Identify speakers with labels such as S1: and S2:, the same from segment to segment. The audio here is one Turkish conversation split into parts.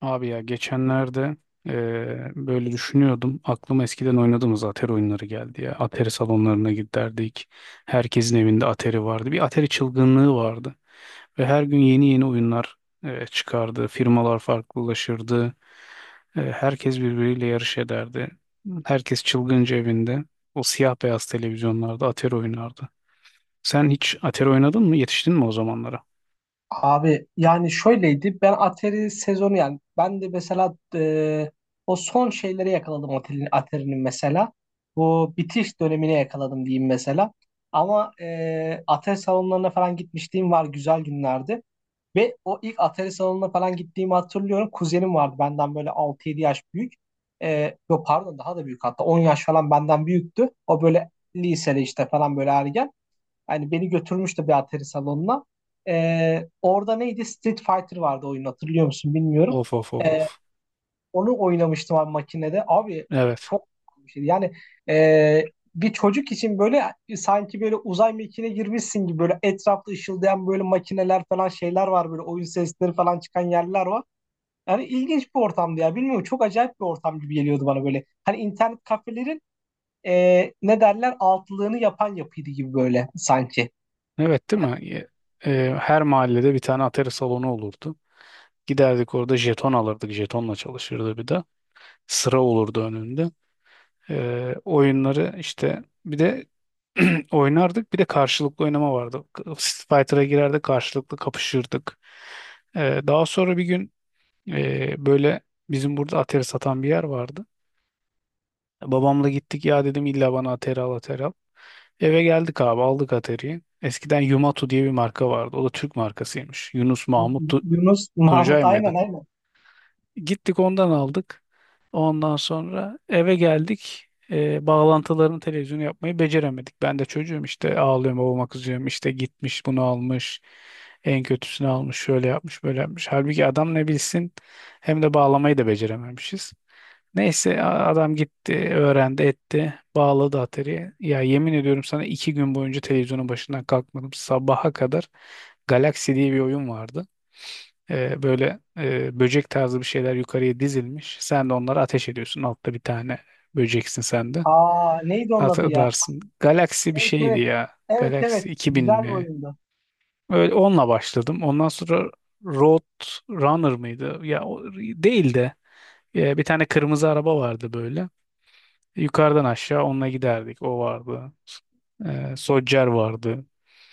S1: Abi ya geçenlerde böyle düşünüyordum. Aklıma eskiden oynadığımız Atari oyunları geldi ya. Atari salonlarına giderdik. Herkesin evinde Atari vardı. Bir Atari çılgınlığı vardı. Ve her gün yeni yeni oyunlar çıkardı. Firmalar farklılaşırdı. Herkes birbiriyle yarış ederdi. Herkes çılgınca evinde. O siyah beyaz televizyonlarda Atari oynardı. Sen hiç Atari oynadın mı? Yetiştin mi o zamanlara?
S2: Abi, yani şöyleydi, ben Atari sezonu, yani ben de mesela o son şeyleri yakaladım, Atari'nin mesela bu bitiş dönemine yakaladım diyeyim mesela. Ama Atari salonlarına falan gitmişliğim var, güzel günlerdi ve o ilk Atari salonuna falan gittiğimi hatırlıyorum. Kuzenim vardı benden böyle 6-7 yaş büyük, yok pardon, daha da büyük, hatta 10 yaş falan benden büyüktü. O böyle lisede işte falan, böyle ergen. Hani beni götürmüştü bir Atari salonuna. Orada neydi? Street Fighter vardı oyun, hatırlıyor musun bilmiyorum.
S1: Of of of
S2: Ee,
S1: of.
S2: onu oynamıştım abi, makinede. Abi
S1: Evet.
S2: çok bir şeydi. Yani bir çocuk için böyle, sanki böyle uzay mekiğine girmişsin gibi, böyle etrafta ışıldayan böyle makineler falan, şeyler var, böyle oyun sesleri falan çıkan yerler var. Yani ilginç bir ortamdı ya. Bilmiyorum, çok acayip bir ortam gibi geliyordu bana böyle. Hani internet kafelerin ne derler, altlığını yapan yapıydı gibi böyle, sanki.
S1: Evet, değil mi? Her mahallede bir tane atari salonu olurdu. Giderdik, orada jeton alırdık. Jetonla çalışırdı bir de. Sıra olurdu önünde. Oyunları işte bir de oynardık. Bir de karşılıklı oynama vardı. Street Fighter'a girerdik, karşılıklı kapışırdık. Daha sonra bir gün böyle bizim burada atari satan bir yer vardı. Babamla gittik, ya dedim illa bana Atari al, Atari al. Eve geldik abi, aldık Atari'yi. Eskiden Yumatu diye bir marka vardı. O da Türk markasıymış. Yunus Mahmut
S2: Yunus
S1: Tuncay
S2: Mahmut,
S1: mıydı?
S2: aynen aynen.
S1: Gittik ondan aldık. Ondan sonra eve geldik. Bağlantılarını televizyonu yapmayı beceremedik. Ben de çocuğum işte, ağlıyorum, babama kızıyorum. İşte gitmiş bunu almış. En kötüsünü almış, şöyle yapmış, böyle yapmış. Halbuki adam ne bilsin, hem de bağlamayı da becerememişiz. Neyse adam gitti, öğrendi etti, bağladı Atari'ye. Ya yemin ediyorum sana, 2 gün boyunca televizyonun başından kalkmadım. Sabaha kadar Galaxy diye bir oyun vardı. Böyle böcek tarzı bir şeyler yukarıya dizilmiş. Sen de onları ateş ediyorsun. Altta bir tane böceksin sen de.
S2: Aa, neydi onun adı ya?
S1: Hatırlarsın. Galaxy bir
S2: Evet
S1: şeydi
S2: evet.
S1: ya.
S2: Evet evet.
S1: Galaxy 2000
S2: Güzel bir
S1: mi?
S2: oyundu.
S1: Öyle onunla başladım. Ondan sonra Road Runner mıydı? Ya o değil de bir tane kırmızı araba vardı böyle. Yukarıdan aşağı onunla giderdik. O vardı. Sodger vardı.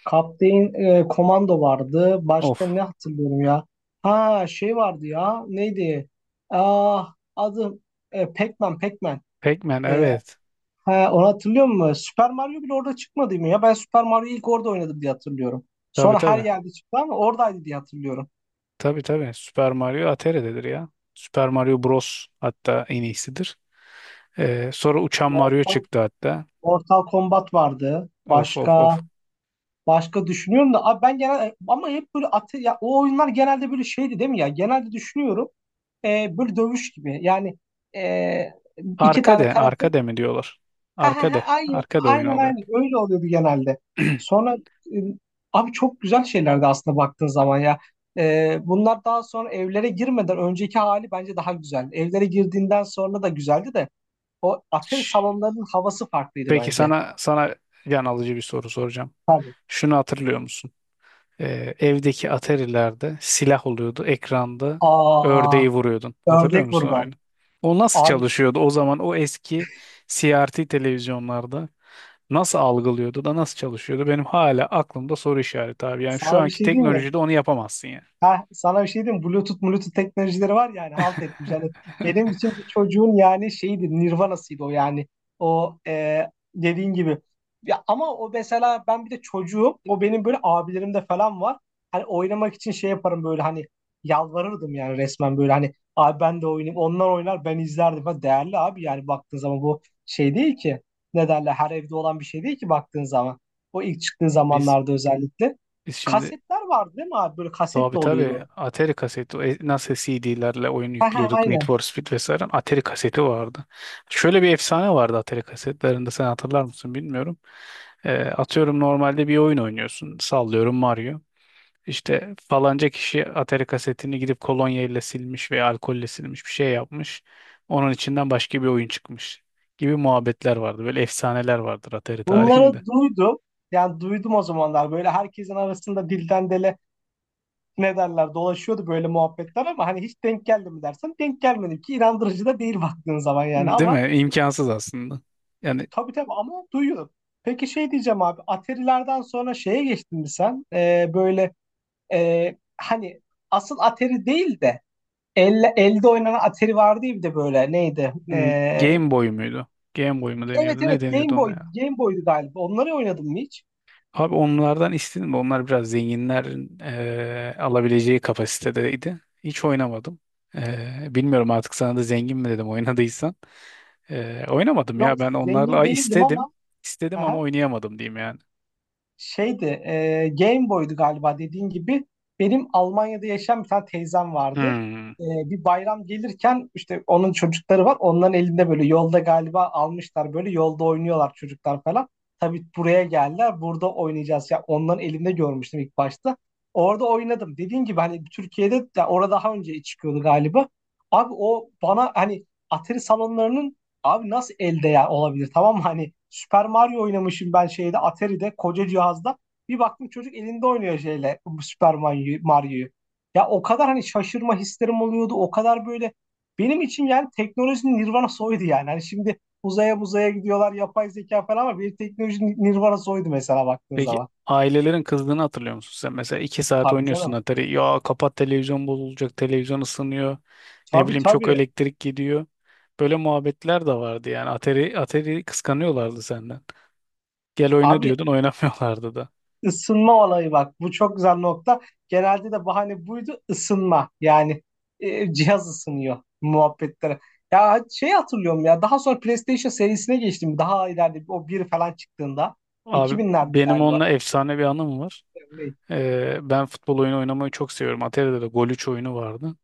S2: Kaptein Komando vardı.
S1: Of.
S2: Başka ne hatırlıyorum ya? Ha şey vardı ya. Neydi? Aa, adı Pac-Man, Pac-Man.
S1: Pac-Man,
S2: E,
S1: evet.
S2: ha, onu hatırlıyor musun? Super Mario bile orada çıkmadı mı ya? Ben Super Mario'yu ilk orada oynadım diye hatırlıyorum.
S1: Tabii
S2: Sonra her
S1: tabii.
S2: yerde çıktı, ama oradaydı diye hatırlıyorum.
S1: Tabii tabii. Super Mario Atere'dedir ya. Super Mario Bros. Hatta en iyisidir. Sonra Uçan Mario
S2: Mortal,
S1: çıktı hatta.
S2: Mortal Kombat vardı.
S1: Of of
S2: Başka
S1: of.
S2: Başka düşünüyorum da abi, ben genel ama hep böyle ya o oyunlar genelde böyle şeydi değil mi ya? Genelde düşünüyorum böyle dövüş gibi. Yani e, iki tane
S1: Arkade,
S2: tarafı,
S1: arkade mi diyorlar?
S2: ha ha ha,
S1: Arkade,
S2: aynen
S1: arkade oyunu
S2: aynen
S1: oluyor.
S2: aynen, öyle oluyordu genelde. Sonra e, abi çok güzel şeylerdi aslında baktığın zaman ya. Bunlar daha sonra evlere girmeden önceki hali bence daha güzel. Evlere girdiğinden sonra da güzeldi de, o atari salonlarının havası farklıydı
S1: Peki
S2: bence.
S1: sana can alıcı bir soru soracağım.
S2: Tabii.
S1: Şunu hatırlıyor musun? Evdeki Atari'lerde silah oluyordu. Ekranda
S2: Aa,
S1: ördeği vuruyordun. Hatırlıyor
S2: ördek
S1: musun o
S2: vurma.
S1: oyunu? O nasıl
S2: Abi,
S1: çalışıyordu o zaman, o eski CRT televizyonlarda? Nasıl algılıyordu da nasıl çalışıyordu, benim hala aklımda soru işareti abi. Yani şu
S2: sana bir
S1: anki
S2: şey diyeyim mi?
S1: teknolojide onu yapamazsın yani.
S2: Ha, sana bir şey diyeyim mi? Bluetooth teknolojileri var yani, halt etmiş. Yani benim için bir çocuğun, yani şeydi, Nirvana'sıydı o yani. O, dediğin gibi. Ya, ama o mesela, ben bir de çocuğum. O benim böyle abilerimde falan var. Hani oynamak için şey yaparım böyle, hani yalvarırdım yani resmen, böyle hani abi ben de oynayayım. Onlar oynar, ben izlerdim. Ha, değerli abi, yani baktığın zaman bu şey değil ki. Ne derler, her evde olan bir şey değil ki baktığın zaman. O ilk çıktığı
S1: Biz
S2: zamanlarda özellikle.
S1: biz şimdi
S2: Kasetler vardı değil mi abi? Böyle
S1: tabii
S2: kasetle
S1: tabii
S2: oluyordu.
S1: Atari kaseti, nasıl CD'lerle oyun
S2: Ha ha,
S1: yüklüyorduk Need
S2: aynen.
S1: for Speed vesaire, Atari kaseti vardı. Şöyle bir efsane vardı Atari kasetlerinde, sen hatırlar mısın bilmiyorum. Atıyorum normalde bir oyun oynuyorsun, sallıyorum Mario. İşte falanca kişi Atari kasetini gidip kolonya ile silmiş veya alkolle silmiş, bir şey yapmış. Onun içinden başka bir oyun çıkmış gibi muhabbetler vardı. Böyle efsaneler vardır Atari
S2: Bunları
S1: tarihinde.
S2: duydum. Yani duydum o zamanlar. Böyle herkesin arasında dilden dile, ne derler, dolaşıyordu böyle muhabbetler, ama hani hiç denk geldi mi dersen, denk gelmedi ki, inandırıcı da değil baktığın zaman yani.
S1: Değil
S2: Ama
S1: mi? İmkansız aslında. Yani
S2: tabii tabii, ama duyuyorum. Peki şey diyeceğim abi, Atari'lerden sonra şeye geçtin mi sen? Böyle hani asıl Atari değil de, elde oynanan Atari vardı ya bir de, böyle neydi? Ee.
S1: Game Boy muydu? Game Boy mu
S2: Evet
S1: deniyordu? Ne
S2: evet,
S1: deniyordu
S2: Game
S1: ona
S2: Boy,
S1: ya?
S2: Game Boy'du galiba. Onları oynadım mı hiç?
S1: Abi onlardan istedim de, onlar biraz zenginlerin alabileceği kapasitedeydi. Hiç oynamadım. Bilmiyorum artık, sana da zengin mi dedim oynadıysan. Oynamadım
S2: Yok,
S1: ya ben onlarla.
S2: zengin
S1: Ay,
S2: değildim
S1: istedim.
S2: ama.
S1: İstedim ama
S2: Aha,
S1: oynayamadım diyeyim yani.
S2: şeydi, Game Boy'du galiba, dediğin gibi. Benim Almanya'da yaşayan bir tane teyzem vardı.
S1: Hmm.
S2: E, bir bayram gelirken, işte onun çocukları var. Onların elinde böyle, yolda galiba almışlar, böyle yolda oynuyorlar çocuklar falan. Tabii buraya geldiler. Burada oynayacağız. Ya onların elinde görmüştüm ilk başta. Orada oynadım. Dediğin gibi, hani Türkiye'de de orada daha önce çıkıyordu galiba. Abi, o bana hani Atari salonlarının, abi nasıl elde ya olabilir, tamam mı? Hani Super Mario oynamışım ben şeyde, Atari'de, koca cihazda. Bir baktım çocuk elinde oynuyor şeyle, bu Mario'yu. Ya o kadar, hani şaşırma hislerim oluyordu. O kadar böyle, benim için yani teknolojinin nirvanası oydu yani. Hani şimdi uzaya buzaya gidiyorlar, yapay zeka falan, ama bir teknolojinin nirvanası oydu mesela baktığın
S1: Peki
S2: zaman.
S1: ailelerin kızdığını hatırlıyor musun sen? Mesela 2 saat
S2: Tabii
S1: oynuyorsun
S2: canım.
S1: Atari. Ya kapat, televizyon bozulacak, televizyon ısınıyor. Ne
S2: Tabii
S1: bileyim, çok
S2: tabii.
S1: elektrik gidiyor. Böyle muhabbetler de vardı yani. Atari kıskanıyorlardı senden. Gel oyna
S2: Abi,
S1: diyordun, oynamıyorlardı da.
S2: Isınma olayı, bak bu çok güzel nokta. Genelde de bahane buydu, ısınma. Yani cihaz ısınıyor muhabbetlere. Ya şey hatırlıyorum ya, daha sonra PlayStation serisine geçtim. Daha ileride o bir falan çıktığında,
S1: Abi
S2: 2000'lerde
S1: benim
S2: galiba.
S1: onunla efsane bir anım var. Ben futbol oyunu oynamayı çok seviyorum. Atari'de de Golüç oyunu vardı.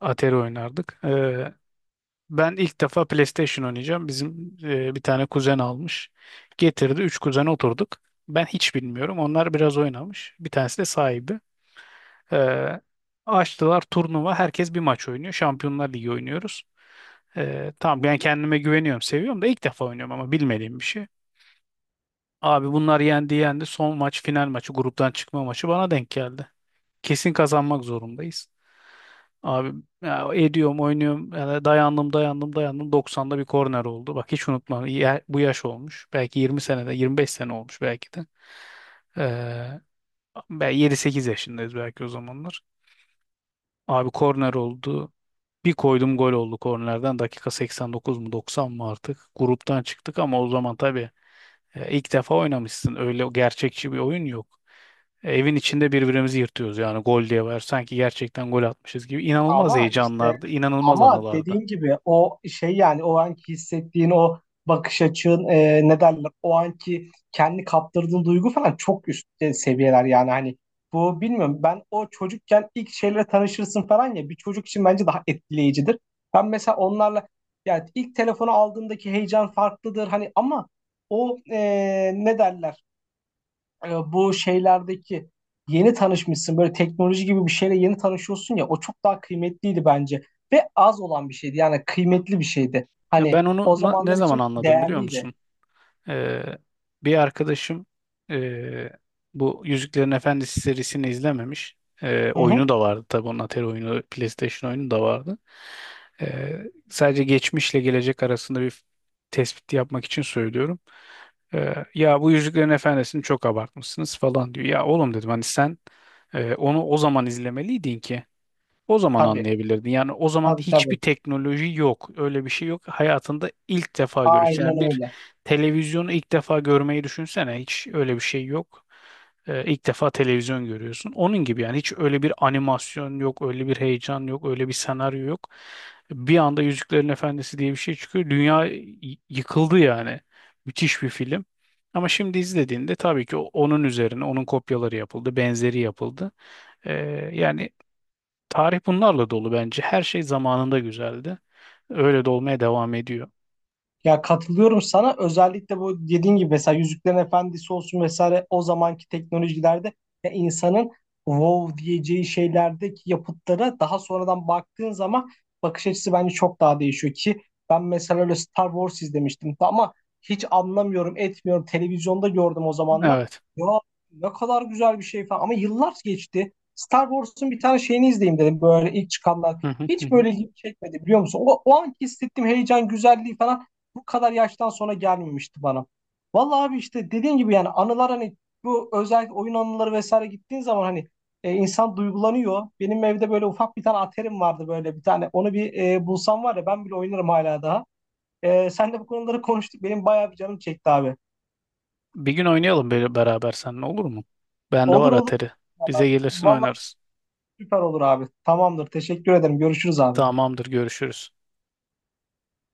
S1: Atari oynardık. Ben ilk defa PlayStation oynayacağım. Bizim bir tane kuzen almış. Getirdi. Üç kuzen oturduk. Ben hiç bilmiyorum. Onlar biraz oynamış. Bir tanesi de sahibi. E, Açtılar turnuva. Herkes bir maç oynuyor. Şampiyonlar Ligi oynuyoruz. Tamam, ben kendime güveniyorum. Seviyorum da, ilk defa oynuyorum ama, bilmediğim bir şey. Abi bunlar yendi yendi. Son maç, final maçı, gruptan çıkma maçı bana denk geldi. Kesin kazanmak zorundayız. Abi ya, ediyorum, oynuyorum. Yani dayandım, dayandım, dayandım. 90'da bir korner oldu. Bak hiç unutmam. Bu yaş olmuş. Belki 20 senede, 25 sene olmuş belki de. Ee, Ben 7-8 yaşındayız belki o zamanlar. Abi korner oldu. Bir koydum, gol oldu kornerden. Dakika 89 mu 90 mı artık. Gruptan çıktık ama o zaman tabii ilk defa oynamışsın. Öyle gerçekçi bir oyun yok. Evin içinde birbirimizi yırtıyoruz yani, gol diye var. Sanki gerçekten gol atmışız gibi. İnanılmaz
S2: Ama işte,
S1: heyecanlardı, inanılmaz
S2: ama
S1: anılardı.
S2: dediğim gibi, o şey yani, o anki hissettiğin o bakış açın, ne derler, o anki kendi kaptırdığın duygu falan çok üst seviyeler yani. Hani bu bilmiyorum, ben o çocukken ilk şeylere tanışırsın falan ya, bir çocuk için bence daha etkileyicidir. Ben mesela onlarla, yani ilk telefonu aldığımdaki heyecan farklıdır hani, ama o ne derler, bu şeylerdeki yeni tanışmışsın, böyle teknoloji gibi bir şeyle yeni tanışıyorsun ya, o çok daha kıymetliydi bence ve az olan bir şeydi, yani kıymetli bir şeydi.
S1: Ya
S2: Hani
S1: ben onu
S2: o
S1: ne
S2: zamanlar
S1: zaman
S2: için
S1: anladım biliyor
S2: değerliydi.
S1: musun? Ee, Bir arkadaşım ee, bu Yüzüklerin Efendisi serisini izlememiş.
S2: Hı hı.
S1: Oyunu da vardı tabii onun, Atari oyunu, PlayStation oyunu da vardı. Ee, Sadece geçmişle gelecek arasında bir tespit yapmak için söylüyorum. Ya bu Yüzüklerin Efendisi'ni çok abartmışsınız falan diyor. Ya oğlum dedim, hani sen onu o zaman izlemeliydin ki o zaman
S2: Tabii
S1: anlayabilirdin. Yani o zaman
S2: tabii
S1: hiçbir
S2: tabii.
S1: teknoloji yok. Öyle bir şey yok. Hayatında ilk defa görürsün.
S2: Aynen
S1: Yani bir
S2: öyle.
S1: televizyonu ilk defa görmeyi düşünsene. Hiç öyle bir şey yok. İlk defa televizyon görüyorsun. Onun gibi, yani hiç öyle bir animasyon yok, öyle bir heyecan yok, öyle bir senaryo yok. Bir anda Yüzüklerin Efendisi diye bir şey çıkıyor. Dünya yıkıldı yani. Müthiş bir film. Ama şimdi izlediğinde tabii ki onun üzerine onun kopyaları yapıldı, benzeri yapıldı. Ee, yani tarih bunlarla dolu bence. Her şey zamanında güzeldi. Öyle de olmaya devam ediyor.
S2: Ya, katılıyorum sana. Özellikle bu dediğin gibi, mesela Yüzüklerin Efendisi olsun vesaire, o zamanki teknolojilerde, ya insanın wow diyeceği şeylerdeki yapıtlara daha sonradan baktığın zaman, bakış açısı bence çok daha değişiyor. Ki ben mesela öyle Star Wars izlemiştim, ama hiç anlamıyorum etmiyorum, televizyonda gördüm o zamanlar.
S1: Evet.
S2: Ya ne kadar güzel bir şey falan, ama yıllar geçti. Star Wars'un bir tane şeyini izleyeyim dedim, böyle ilk çıkanlar.
S1: Hı hı hı
S2: Hiç
S1: hı.
S2: böyle ilgimi çekmedi, biliyor musun? O, o anki hissettiğim heyecan, güzelliği falan bu kadar yaştan sonra gelmemişti bana. Vallahi abi işte, dediğim gibi yani, anılar hani, bu özellikle oyun anıları vesaire, gittiğin zaman hani insan duygulanıyor. Benim evde böyle ufak bir tane aterim vardı, böyle bir tane. Onu bir bulsam var ya, ben bile oynarım hala daha. Sen de bu konuları konuştuk. Benim bayağı bir canım çekti abi.
S1: Bir gün oynayalım beraber seninle, olur mu? Bende
S2: Olur
S1: var
S2: olur.
S1: Atari.
S2: Vallahi,
S1: Bize gelirsin
S2: vallahi
S1: oynarız.
S2: süper olur abi. Tamamdır. Teşekkür ederim. Görüşürüz abi.
S1: Tamamdır, görüşürüz.